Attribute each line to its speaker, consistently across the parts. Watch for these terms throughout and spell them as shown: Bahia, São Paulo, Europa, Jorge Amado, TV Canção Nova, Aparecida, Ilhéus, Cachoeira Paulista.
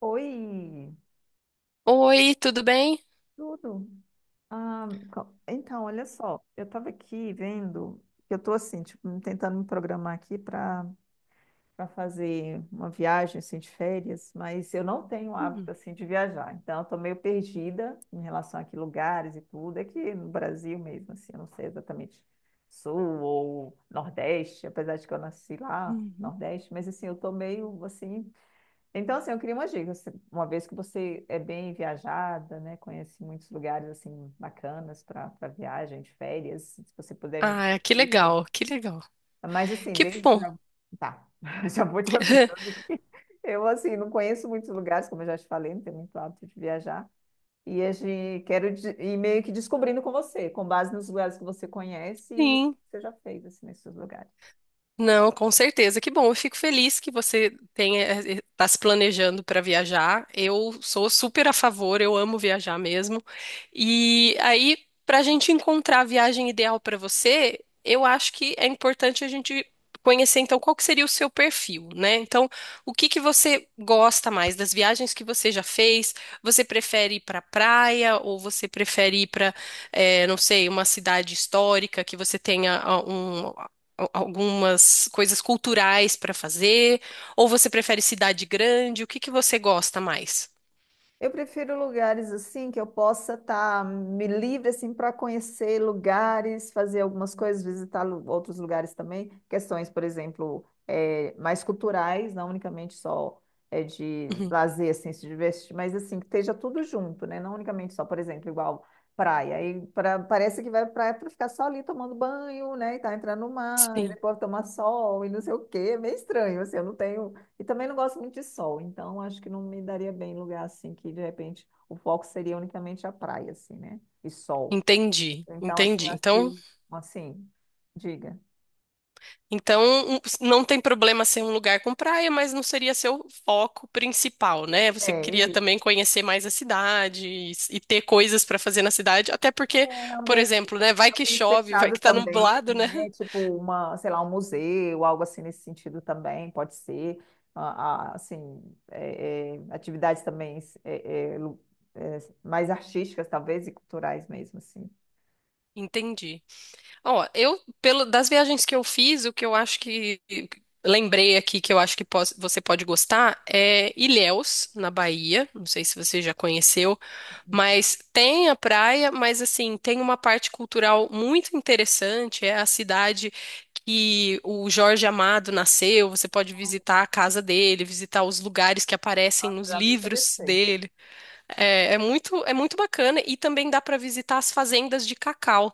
Speaker 1: Oi,
Speaker 2: Oi, tudo bem?
Speaker 1: tudo? Ah, então, olha só, eu estava aqui vendo, eu estou assim, tipo, tentando me programar aqui para fazer uma viagem assim de férias, mas eu não tenho
Speaker 2: Hum,
Speaker 1: hábito assim de viajar, então eu tô meio perdida em relação a que lugares e tudo, aqui no Brasil mesmo, assim, eu não sei exatamente sul ou nordeste, apesar de que eu nasci lá,
Speaker 2: hum.
Speaker 1: nordeste, mas assim, eu tô meio assim. Então, assim, eu queria umas dicas. Uma vez que você é bem viajada, né, conhece muitos lugares assim bacanas para viagem, de férias, se você puder me dar
Speaker 2: Ah, que legal,
Speaker 1: dicas.
Speaker 2: que legal.
Speaker 1: Mas assim,
Speaker 2: Que bom.
Speaker 1: tá, já vou te avisando que eu assim não conheço muitos lugares, como eu já te falei, não tenho muito hábito de viajar. E a gente ir meio que descobrindo com você, com base nos lugares que você conhece e
Speaker 2: Sim.
Speaker 1: você já fez assim nesses lugares.
Speaker 2: Não, com certeza. Que bom. Eu fico feliz que você tenha, está se planejando para viajar. Eu sou super a favor, eu amo viajar mesmo. E aí, para a gente encontrar a viagem ideal para você, eu acho que é importante a gente conhecer, então, qual que seria o seu perfil, né? Então, o que que você gosta mais das viagens que você já fez? Você prefere ir para praia ou você prefere ir para, não sei, uma cidade histórica que você tenha um algumas coisas culturais para fazer? Ou você prefere cidade grande? O que que você gosta mais?
Speaker 1: Eu prefiro lugares assim que eu possa estar me livre assim para conhecer lugares, fazer algumas coisas, visitar outros lugares também. Questões, por exemplo, mais culturais, não unicamente só de
Speaker 2: Uhum.
Speaker 1: lazer, assim, se divertir, mas assim que esteja tudo junto, né? Não unicamente só, por exemplo, igual praia. Parece que vai pra praia para ficar só ali tomando banho, né? E tá entrando no mar e
Speaker 2: Sim.
Speaker 1: depois tomar sol e não sei o quê. É meio estranho, assim. Eu não tenho, e também não gosto muito de sol, então acho que não me daria bem em lugar assim, que de repente o foco seria unicamente a praia, assim, né? E sol.
Speaker 2: Entendi,
Speaker 1: Então, assim,
Speaker 2: entendi.
Speaker 1: acho
Speaker 2: Então,
Speaker 1: que, assim, diga.
Speaker 2: então não tem problema ser um lugar com praia, mas não seria seu foco principal, né? Você queria
Speaker 1: É, e
Speaker 2: também conhecer mais a cidade e, e ter coisas para fazer na cidade, até porque,
Speaker 1: é
Speaker 2: por
Speaker 1: ambiente,
Speaker 2: exemplo, né, vai que
Speaker 1: ambiente
Speaker 2: chove, vai
Speaker 1: fechado
Speaker 2: que tá
Speaker 1: também,
Speaker 2: nublado, né?
Speaker 1: né? Tipo uma, sei lá, um museu, algo assim nesse sentido também, pode ser. Assim, atividades também mais artísticas, talvez, e culturais mesmo, assim.
Speaker 2: Entendi. Ó, eu, pelo, das viagens que eu fiz, o que eu acho que lembrei aqui que eu acho que você pode gostar é Ilhéus, na Bahia. Não sei se você já conheceu, mas tem a praia, mas assim, tem uma parte cultural muito interessante. É a cidade que o Jorge Amado nasceu. Você pode visitar a casa dele, visitar os lugares que aparecem
Speaker 1: Nossa,
Speaker 2: nos
Speaker 1: já me
Speaker 2: livros
Speaker 1: interessei.
Speaker 2: dele. É muito bacana e também dá para visitar as fazendas de cacau,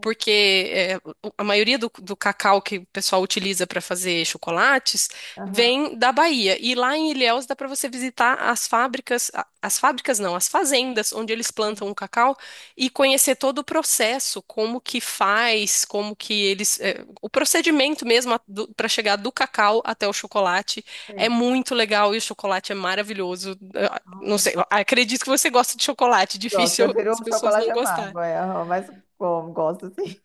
Speaker 2: porque é, a maioria do, do cacau que o pessoal utiliza para fazer chocolates
Speaker 1: Aham.
Speaker 2: vem da Bahia. E lá em Ilhéus dá para você visitar as fábricas, as fábricas não, as fazendas onde eles plantam o cacau e conhecer todo o processo, como que faz, como que eles, é, o procedimento mesmo para chegar do cacau até o chocolate. É
Speaker 1: Sei.
Speaker 2: muito legal e o chocolate é maravilhoso. Não
Speaker 1: Ah,
Speaker 2: sei, acredito que você gosta de chocolate,
Speaker 1: gosto,
Speaker 2: difícil
Speaker 1: prefiro
Speaker 2: as
Speaker 1: um
Speaker 2: pessoas
Speaker 1: chocolate
Speaker 2: não gostarem.
Speaker 1: amargo, é, aham, mas como, gosto sim.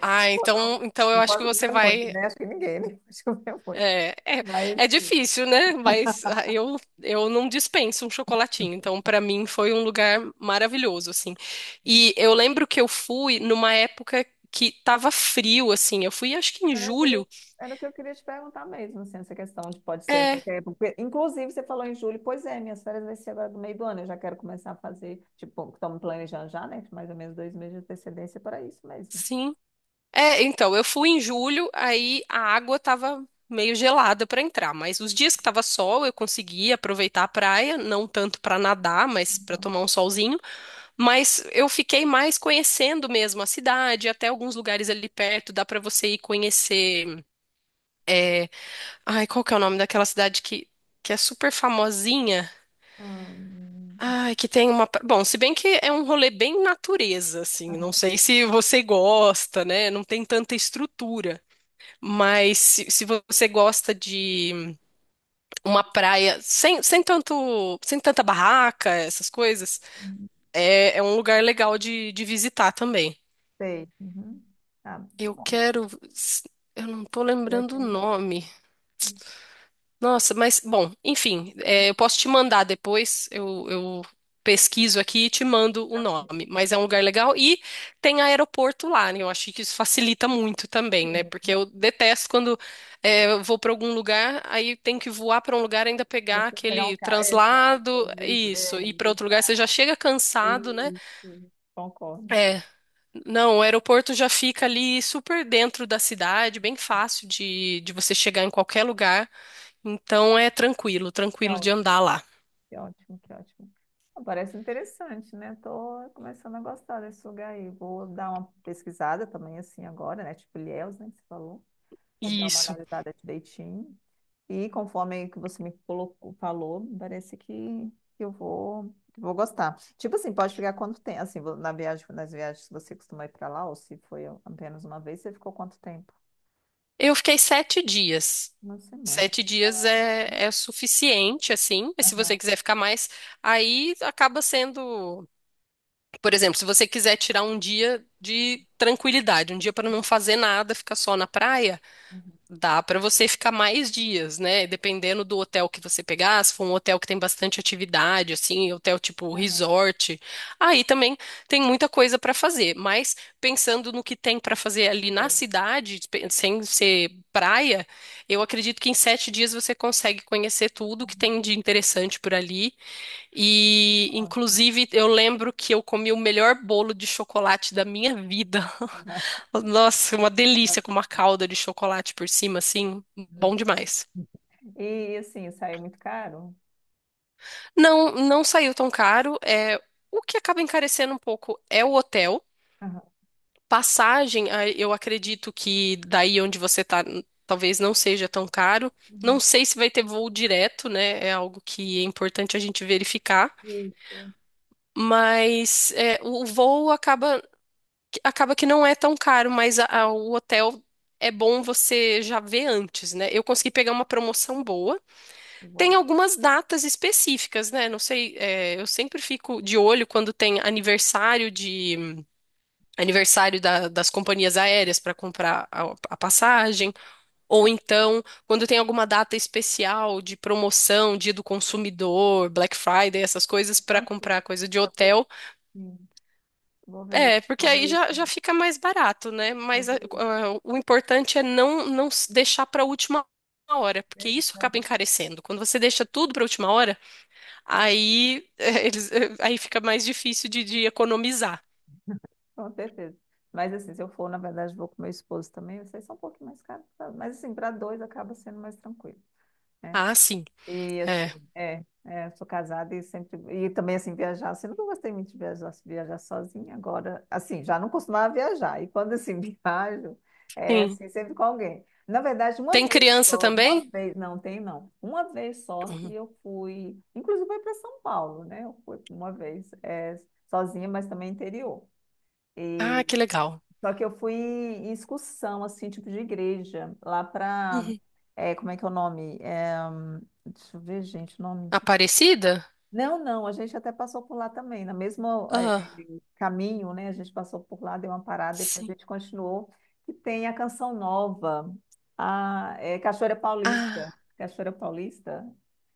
Speaker 2: Ah,
Speaker 1: Eu não,
Speaker 2: então, então eu
Speaker 1: não
Speaker 2: acho que
Speaker 1: posso
Speaker 2: você
Speaker 1: comer muito,
Speaker 2: vai.
Speaker 1: né? Acho que ninguém, né? Pode comer muito.
Speaker 2: É, é,
Speaker 1: Mas
Speaker 2: é
Speaker 1: sim.
Speaker 2: difícil, né? Mas eu não dispenso um chocolatinho. Então, para mim, foi um lugar maravilhoso, assim. E eu lembro que eu fui numa época que tava frio, assim. Eu fui, acho que em
Speaker 1: Era, queria-
Speaker 2: julho.
Speaker 1: Era o que eu queria te perguntar mesmo, assim, essa questão de pode ser em
Speaker 2: É,
Speaker 1: qualquer época. Porque, inclusive, você falou em julho, pois é, minhas férias vai ser agora do meio do ano, eu já quero começar a fazer, tipo, estamos planejando já, né? Mais ou menos dois meses de antecedência para isso mesmo.
Speaker 2: sim. É, então, eu fui em julho, aí a água tava meio gelada pra entrar, mas os dias que tava sol eu consegui aproveitar a praia, não tanto pra nadar, mas pra
Speaker 1: Aham.
Speaker 2: tomar um solzinho, mas eu fiquei mais conhecendo mesmo a cidade, até alguns lugares ali perto, dá pra você ir conhecer. é, Ai, qual que é o nome daquela cidade que é super famosinha?
Speaker 1: Ah, hum,
Speaker 2: Ai, que tem uma. Bom, se bem que é um rolê bem natureza, assim. Não
Speaker 1: aham,
Speaker 2: sei se você gosta, né? Não tem tanta estrutura. Mas se você gosta de uma praia sem tanta barraca, essas coisas,
Speaker 1: hum,
Speaker 2: é, é um lugar legal de visitar também.
Speaker 1: sei. Uhum. Tá
Speaker 2: Eu
Speaker 1: bom.
Speaker 2: quero. Eu não tô
Speaker 1: Já
Speaker 2: lembrando o
Speaker 1: tem.
Speaker 2: nome. Nossa, mas, bom, enfim, é, eu posso te mandar depois, eu pesquiso aqui e te mando o nome, mas é um lugar legal e tem aeroporto lá, né? Eu acho que isso facilita muito também, né? Porque
Speaker 1: Sim,
Speaker 2: eu detesto quando é, eu vou para algum lugar, aí tem que voar para um lugar, ainda pegar
Speaker 1: depois pegar um
Speaker 2: aquele
Speaker 1: carro. Exato,
Speaker 2: translado,
Speaker 1: às vezes
Speaker 2: isso,
Speaker 1: é,
Speaker 2: e para outro lugar você
Speaker 1: exato.
Speaker 2: já chega cansado, né?
Speaker 1: Isso, concordo.
Speaker 2: É, não, o aeroporto já fica ali super dentro da cidade, bem fácil de você chegar em qualquer lugar. Então é tranquilo,
Speaker 1: Que
Speaker 2: tranquilo de
Speaker 1: ótimo,
Speaker 2: andar lá.
Speaker 1: que ótimo, que ótimo. Ah, parece interessante, né? Tô começando a gostar desse lugar aí. Vou dar uma pesquisada também, assim, agora, né? Tipo Ilhéus, né, que você falou. Vou dar uma
Speaker 2: Isso.
Speaker 1: analisada direitinho. E conforme que você me colocou, falou, parece que que eu vou, que eu vou gostar. Tipo assim, pode ficar quanto tempo? Assim, na viagem, nas viagens, se você costuma ir para lá, ou se foi apenas uma vez, você ficou quanto tempo?
Speaker 2: Eu fiquei sete dias.
Speaker 1: Uma semana.
Speaker 2: Sete dias é suficiente, assim. Mas se você
Speaker 1: Aham,
Speaker 2: quiser ficar mais, aí acaba sendo. Por exemplo, se você quiser tirar um dia de tranquilidade, um dia para não fazer nada, ficar só na praia.
Speaker 1: uhum,
Speaker 2: Dá para você ficar mais dias, né? Dependendo do hotel que você pegar, se for um hotel que tem bastante atividade, assim, hotel tipo
Speaker 1: aham,
Speaker 2: resort, aí também tem muita coisa para fazer. Mas pensando no que tem para fazer ali na
Speaker 1: é.
Speaker 2: cidade, sem ser praia, eu acredito que em sete dias você consegue conhecer tudo que tem de interessante por ali e,
Speaker 1: Ótimo.
Speaker 2: inclusive, eu lembro que eu comi o melhor bolo de chocolate da minha vida.
Speaker 1: Aham,
Speaker 2: Nossa, uma
Speaker 1: aham,
Speaker 2: delícia com uma calda de chocolate por cima, assim, bom demais.
Speaker 1: e assim, saiu muito caro?
Speaker 2: Não, não saiu tão caro. É, o que acaba encarecendo um pouco é o hotel.
Speaker 1: Aham.
Speaker 2: Passagem, ah, eu acredito que daí onde você tá, talvez não seja tão caro. Não sei se vai ter voo direto, né? É algo que é importante a gente verificar.
Speaker 1: Isso,
Speaker 2: Mas é, o voo acaba que não é tão caro, mas o hotel é bom você já ver antes, né? Eu consegui pegar uma promoção boa.
Speaker 1: eu vou
Speaker 2: Tem
Speaker 1: olhar.
Speaker 2: algumas datas específicas, né? Não sei, é, eu sempre fico de olho quando tem aniversário das companhias aéreas para comprar a passagem, ou
Speaker 1: É,
Speaker 2: então quando tem alguma data especial de promoção, dia do consumidor, Black Friday, essas coisas para
Speaker 1: tranquilo.
Speaker 2: comprar coisa de
Speaker 1: É, vou,
Speaker 2: hotel.
Speaker 1: Sim.
Speaker 2: É, porque
Speaker 1: Vou
Speaker 2: aí
Speaker 1: ver isso
Speaker 2: já, já
Speaker 1: mesmo.
Speaker 2: fica mais barato, né?
Speaker 1: Vou
Speaker 2: Mas
Speaker 1: ver isso
Speaker 2: o importante é não, não deixar para a última hora, porque
Speaker 1: mesmo,
Speaker 2: isso
Speaker 1: né?
Speaker 2: acaba encarecendo. Quando você deixa tudo para a última hora, aí, eles, aí fica mais difícil de economizar.
Speaker 1: Com certeza. Mas assim, se eu for, na verdade, vou com meu esposo também, vocês são um pouquinho mais caros, tá? Mas assim, para dois acaba sendo mais tranquilo, né?
Speaker 2: Ah, sim.
Speaker 1: E assim,
Speaker 2: É.
Speaker 1: sou casada e sempre. E também, assim, viajar, assim, nunca gostei muito de viajar, assim, viajar sozinha. Agora, assim, já não costumava viajar. E quando, assim, viajo, é,
Speaker 2: Sim.
Speaker 1: assim, sempre com alguém. Na verdade, uma
Speaker 2: Tem
Speaker 1: vez
Speaker 2: criança
Speaker 1: só,
Speaker 2: também?
Speaker 1: uma vez, não, tem não. Uma vez só que
Speaker 2: Uhum.
Speaker 1: eu fui, inclusive foi para São Paulo, né? Eu fui uma vez, é, sozinha, mas também interior.
Speaker 2: Ah, que legal.
Speaker 1: Só que eu fui em excursão, assim, tipo de igreja, lá pra.
Speaker 2: Uhum.
Speaker 1: É, como é que é o nome? É, deixa eu ver, gente, o nome.
Speaker 2: Aparecida?
Speaker 1: Não, não, a gente até passou por lá também, no mesmo
Speaker 2: Ah,
Speaker 1: caminho, né? A gente passou por lá, deu uma parada, depois a
Speaker 2: sim.
Speaker 1: gente continuou. E tem a Canção Nova, a Cachoeira Paulista.
Speaker 2: Ah,
Speaker 1: Cachoeira Paulista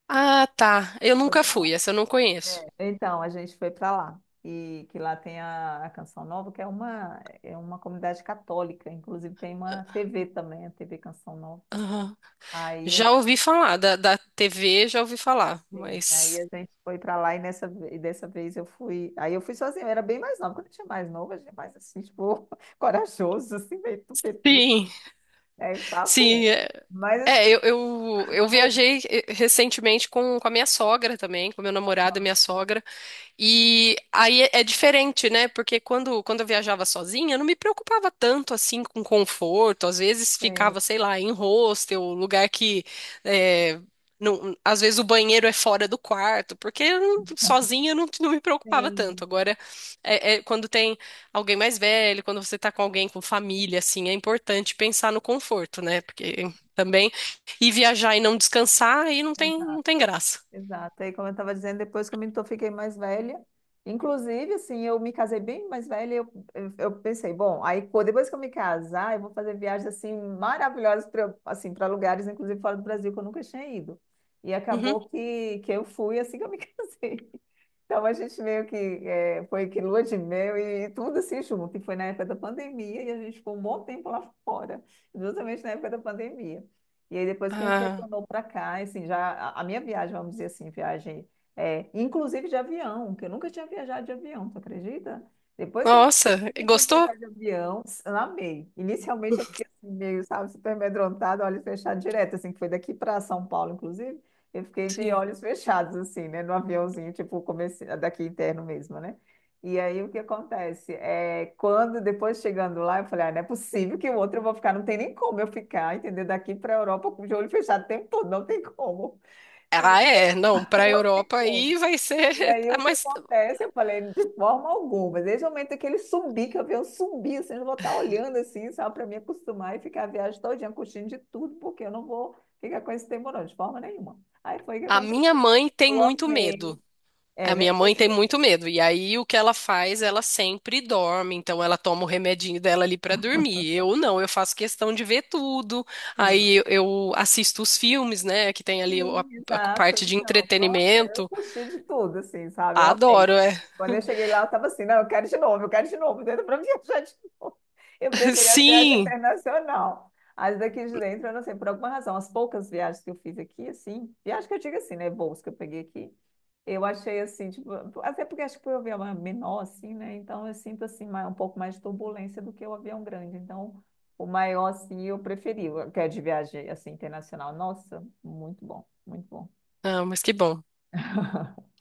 Speaker 2: ah, tá. Eu
Speaker 1: foi
Speaker 2: nunca
Speaker 1: para lá.
Speaker 2: fui, essa eu não conheço.
Speaker 1: Então, a gente foi para lá. E que lá tem a Canção Nova, que é uma comunidade católica, inclusive tem uma TV também, a TV Canção Nova.
Speaker 2: Aham.
Speaker 1: Aí
Speaker 2: Já ouvi falar da TV, já ouvi falar,
Speaker 1: sim, aí
Speaker 2: mas
Speaker 1: a gente foi pra lá e dessa vez eu fui. Aí eu fui sozinha, eu era bem mais nova. Quando eu tinha mais nova, a gente é mais assim, tipo, corajoso, assim, meio tupetu,
Speaker 2: sim,
Speaker 1: é
Speaker 2: sim,
Speaker 1: papo.
Speaker 2: é,
Speaker 1: Mas
Speaker 2: é, eu,
Speaker 1: assim,
Speaker 2: eu, eu
Speaker 1: foi.
Speaker 2: viajei recentemente com a minha sogra também, com meu namorado e minha sogra. E aí é diferente, né? Porque quando, quando eu viajava sozinha, eu não me preocupava tanto assim com conforto. Às vezes
Speaker 1: Sim,
Speaker 2: ficava, sei lá, em hostel, lugar que é, às vezes o banheiro é fora do quarto, porque eu sozinha eu não, não me preocupava tanto. Agora, é quando tem alguém mais velho, quando você tá com alguém com família, assim, é importante pensar no conforto, né? Porque também ir viajar e não descansar aí não
Speaker 1: sim,
Speaker 2: tem, não tem graça.
Speaker 1: exato. Aí, como eu estava dizendo, depois que eu fiquei mais velha, inclusive, assim, eu me casei bem mais velha, e eu pensei, bom, depois que eu me casar, eu vou fazer viagens, assim, maravilhosas para assim, para lugares, inclusive fora do Brasil, que eu nunca tinha ido. E
Speaker 2: Uhum.
Speaker 1: acabou que eu fui assim que eu me casei. Então, a gente meio que foi que lua de mel e tudo assim junto. E foi na época da pandemia e a gente ficou um bom tempo lá fora, justamente na época da pandemia. E aí depois que a gente
Speaker 2: Ah,
Speaker 1: retornou para cá, assim, já a minha viagem, vamos dizer assim, viagem, é, inclusive de avião, que eu nunca tinha viajado de avião, tu acredita? Depois que eu
Speaker 2: nossa,
Speaker 1: me fui
Speaker 2: gostou?
Speaker 1: viajar de avião, amei. Inicialmente eu fiquei assim, meio, sabe, super amedrontada, olhos fechados direto, assim, que foi daqui para São Paulo, inclusive, eu fiquei de
Speaker 2: Sim.
Speaker 1: olhos fechados, assim, né, no aviãozinho, tipo, comecei, daqui interno mesmo, né? E aí o que acontece? É, quando depois chegando lá, eu falei, ah, não é possível que o outro eu vou ficar, não tem nem como eu ficar, entendeu? Daqui para a Europa com o olho fechado o tempo todo, não tem como. E
Speaker 2: Ah, é. Não, para a
Speaker 1: não tem
Speaker 2: Europa
Speaker 1: como.
Speaker 2: aí vai ser.
Speaker 1: E aí
Speaker 2: Ah,
Speaker 1: o que
Speaker 2: mas
Speaker 1: acontece? Eu falei, de forma alguma. Desde o momento que ele subir, que eu vi eu subir, assim, eu vou estar olhando assim, só para me acostumar e ficar a viagem todinha, curtindo de tudo, porque eu não vou ficar com esse tempo, não, de forma nenhuma. Aí foi o que
Speaker 2: a minha
Speaker 1: aconteceu.
Speaker 2: mãe tem
Speaker 1: Eu
Speaker 2: muito
Speaker 1: amei.
Speaker 2: medo. A
Speaker 1: É, né?
Speaker 2: minha mãe
Speaker 1: Pois
Speaker 2: tem
Speaker 1: é.
Speaker 2: muito medo. E aí o que ela faz? Ela sempre dorme. Então ela toma o remedinho dela ali para dormir. Eu não, eu faço questão de ver tudo. Aí eu assisto os filmes, né? Que tem ali
Speaker 1: Sim,
Speaker 2: a
Speaker 1: exato.
Speaker 2: parte de
Speaker 1: Então, nossa, eu
Speaker 2: entretenimento.
Speaker 1: curti de tudo, assim, sabe? Eu amei, eu
Speaker 2: Adoro, é.
Speaker 1: amei. Quando eu cheguei lá, eu tava assim, não, eu quero de novo, eu quero de novo, dentro para viajar de novo. Eu preferia a viagem
Speaker 2: Sim.
Speaker 1: internacional. As daqui de dentro, eu não sei, por alguma razão, as poucas viagens que eu fiz aqui, assim, viagem que eu digo assim, né, voos que eu peguei aqui, eu achei assim, tipo, até porque acho que foi um avião menor, assim, né, então eu sinto, assim, mais- um pouco mais de turbulência do que o avião grande, então... O maior, assim, eu preferi, o que é de viagem, assim, internacional. Nossa, muito bom, muito bom.
Speaker 2: Ah, mas que bom.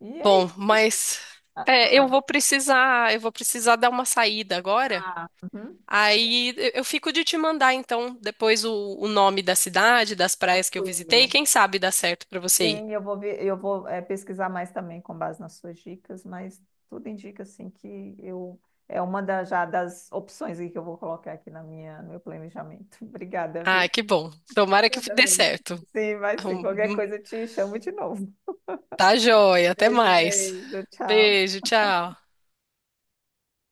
Speaker 1: E aí?
Speaker 2: Bom, mas
Speaker 1: Ah,
Speaker 2: é, eu vou precisar dar uma saída agora.
Speaker 1: tá. Uhum.
Speaker 2: Aí eu fico de te mandar, então, depois o nome da cidade, das praias que eu visitei.
Speaker 1: Tranquilo.
Speaker 2: Quem sabe dá certo pra você ir.
Speaker 1: Sim, eu vou ver, eu vou pesquisar mais também com base nas suas dicas, mas tudo indica assim que eu é uma da, já das opções aí que eu vou colocar aqui na minha, no meu planejamento. Obrigada,
Speaker 2: Ah,
Speaker 1: viu?
Speaker 2: que bom. Tomara que
Speaker 1: Obrigada
Speaker 2: dê
Speaker 1: mesmo.
Speaker 2: certo.
Speaker 1: Sim, vai sim. Qualquer
Speaker 2: Hum,
Speaker 1: coisa eu te chamo de novo.
Speaker 2: Tá joia. Até
Speaker 1: Beijo,
Speaker 2: mais.
Speaker 1: beijo. Tchau.
Speaker 2: Beijo, tchau.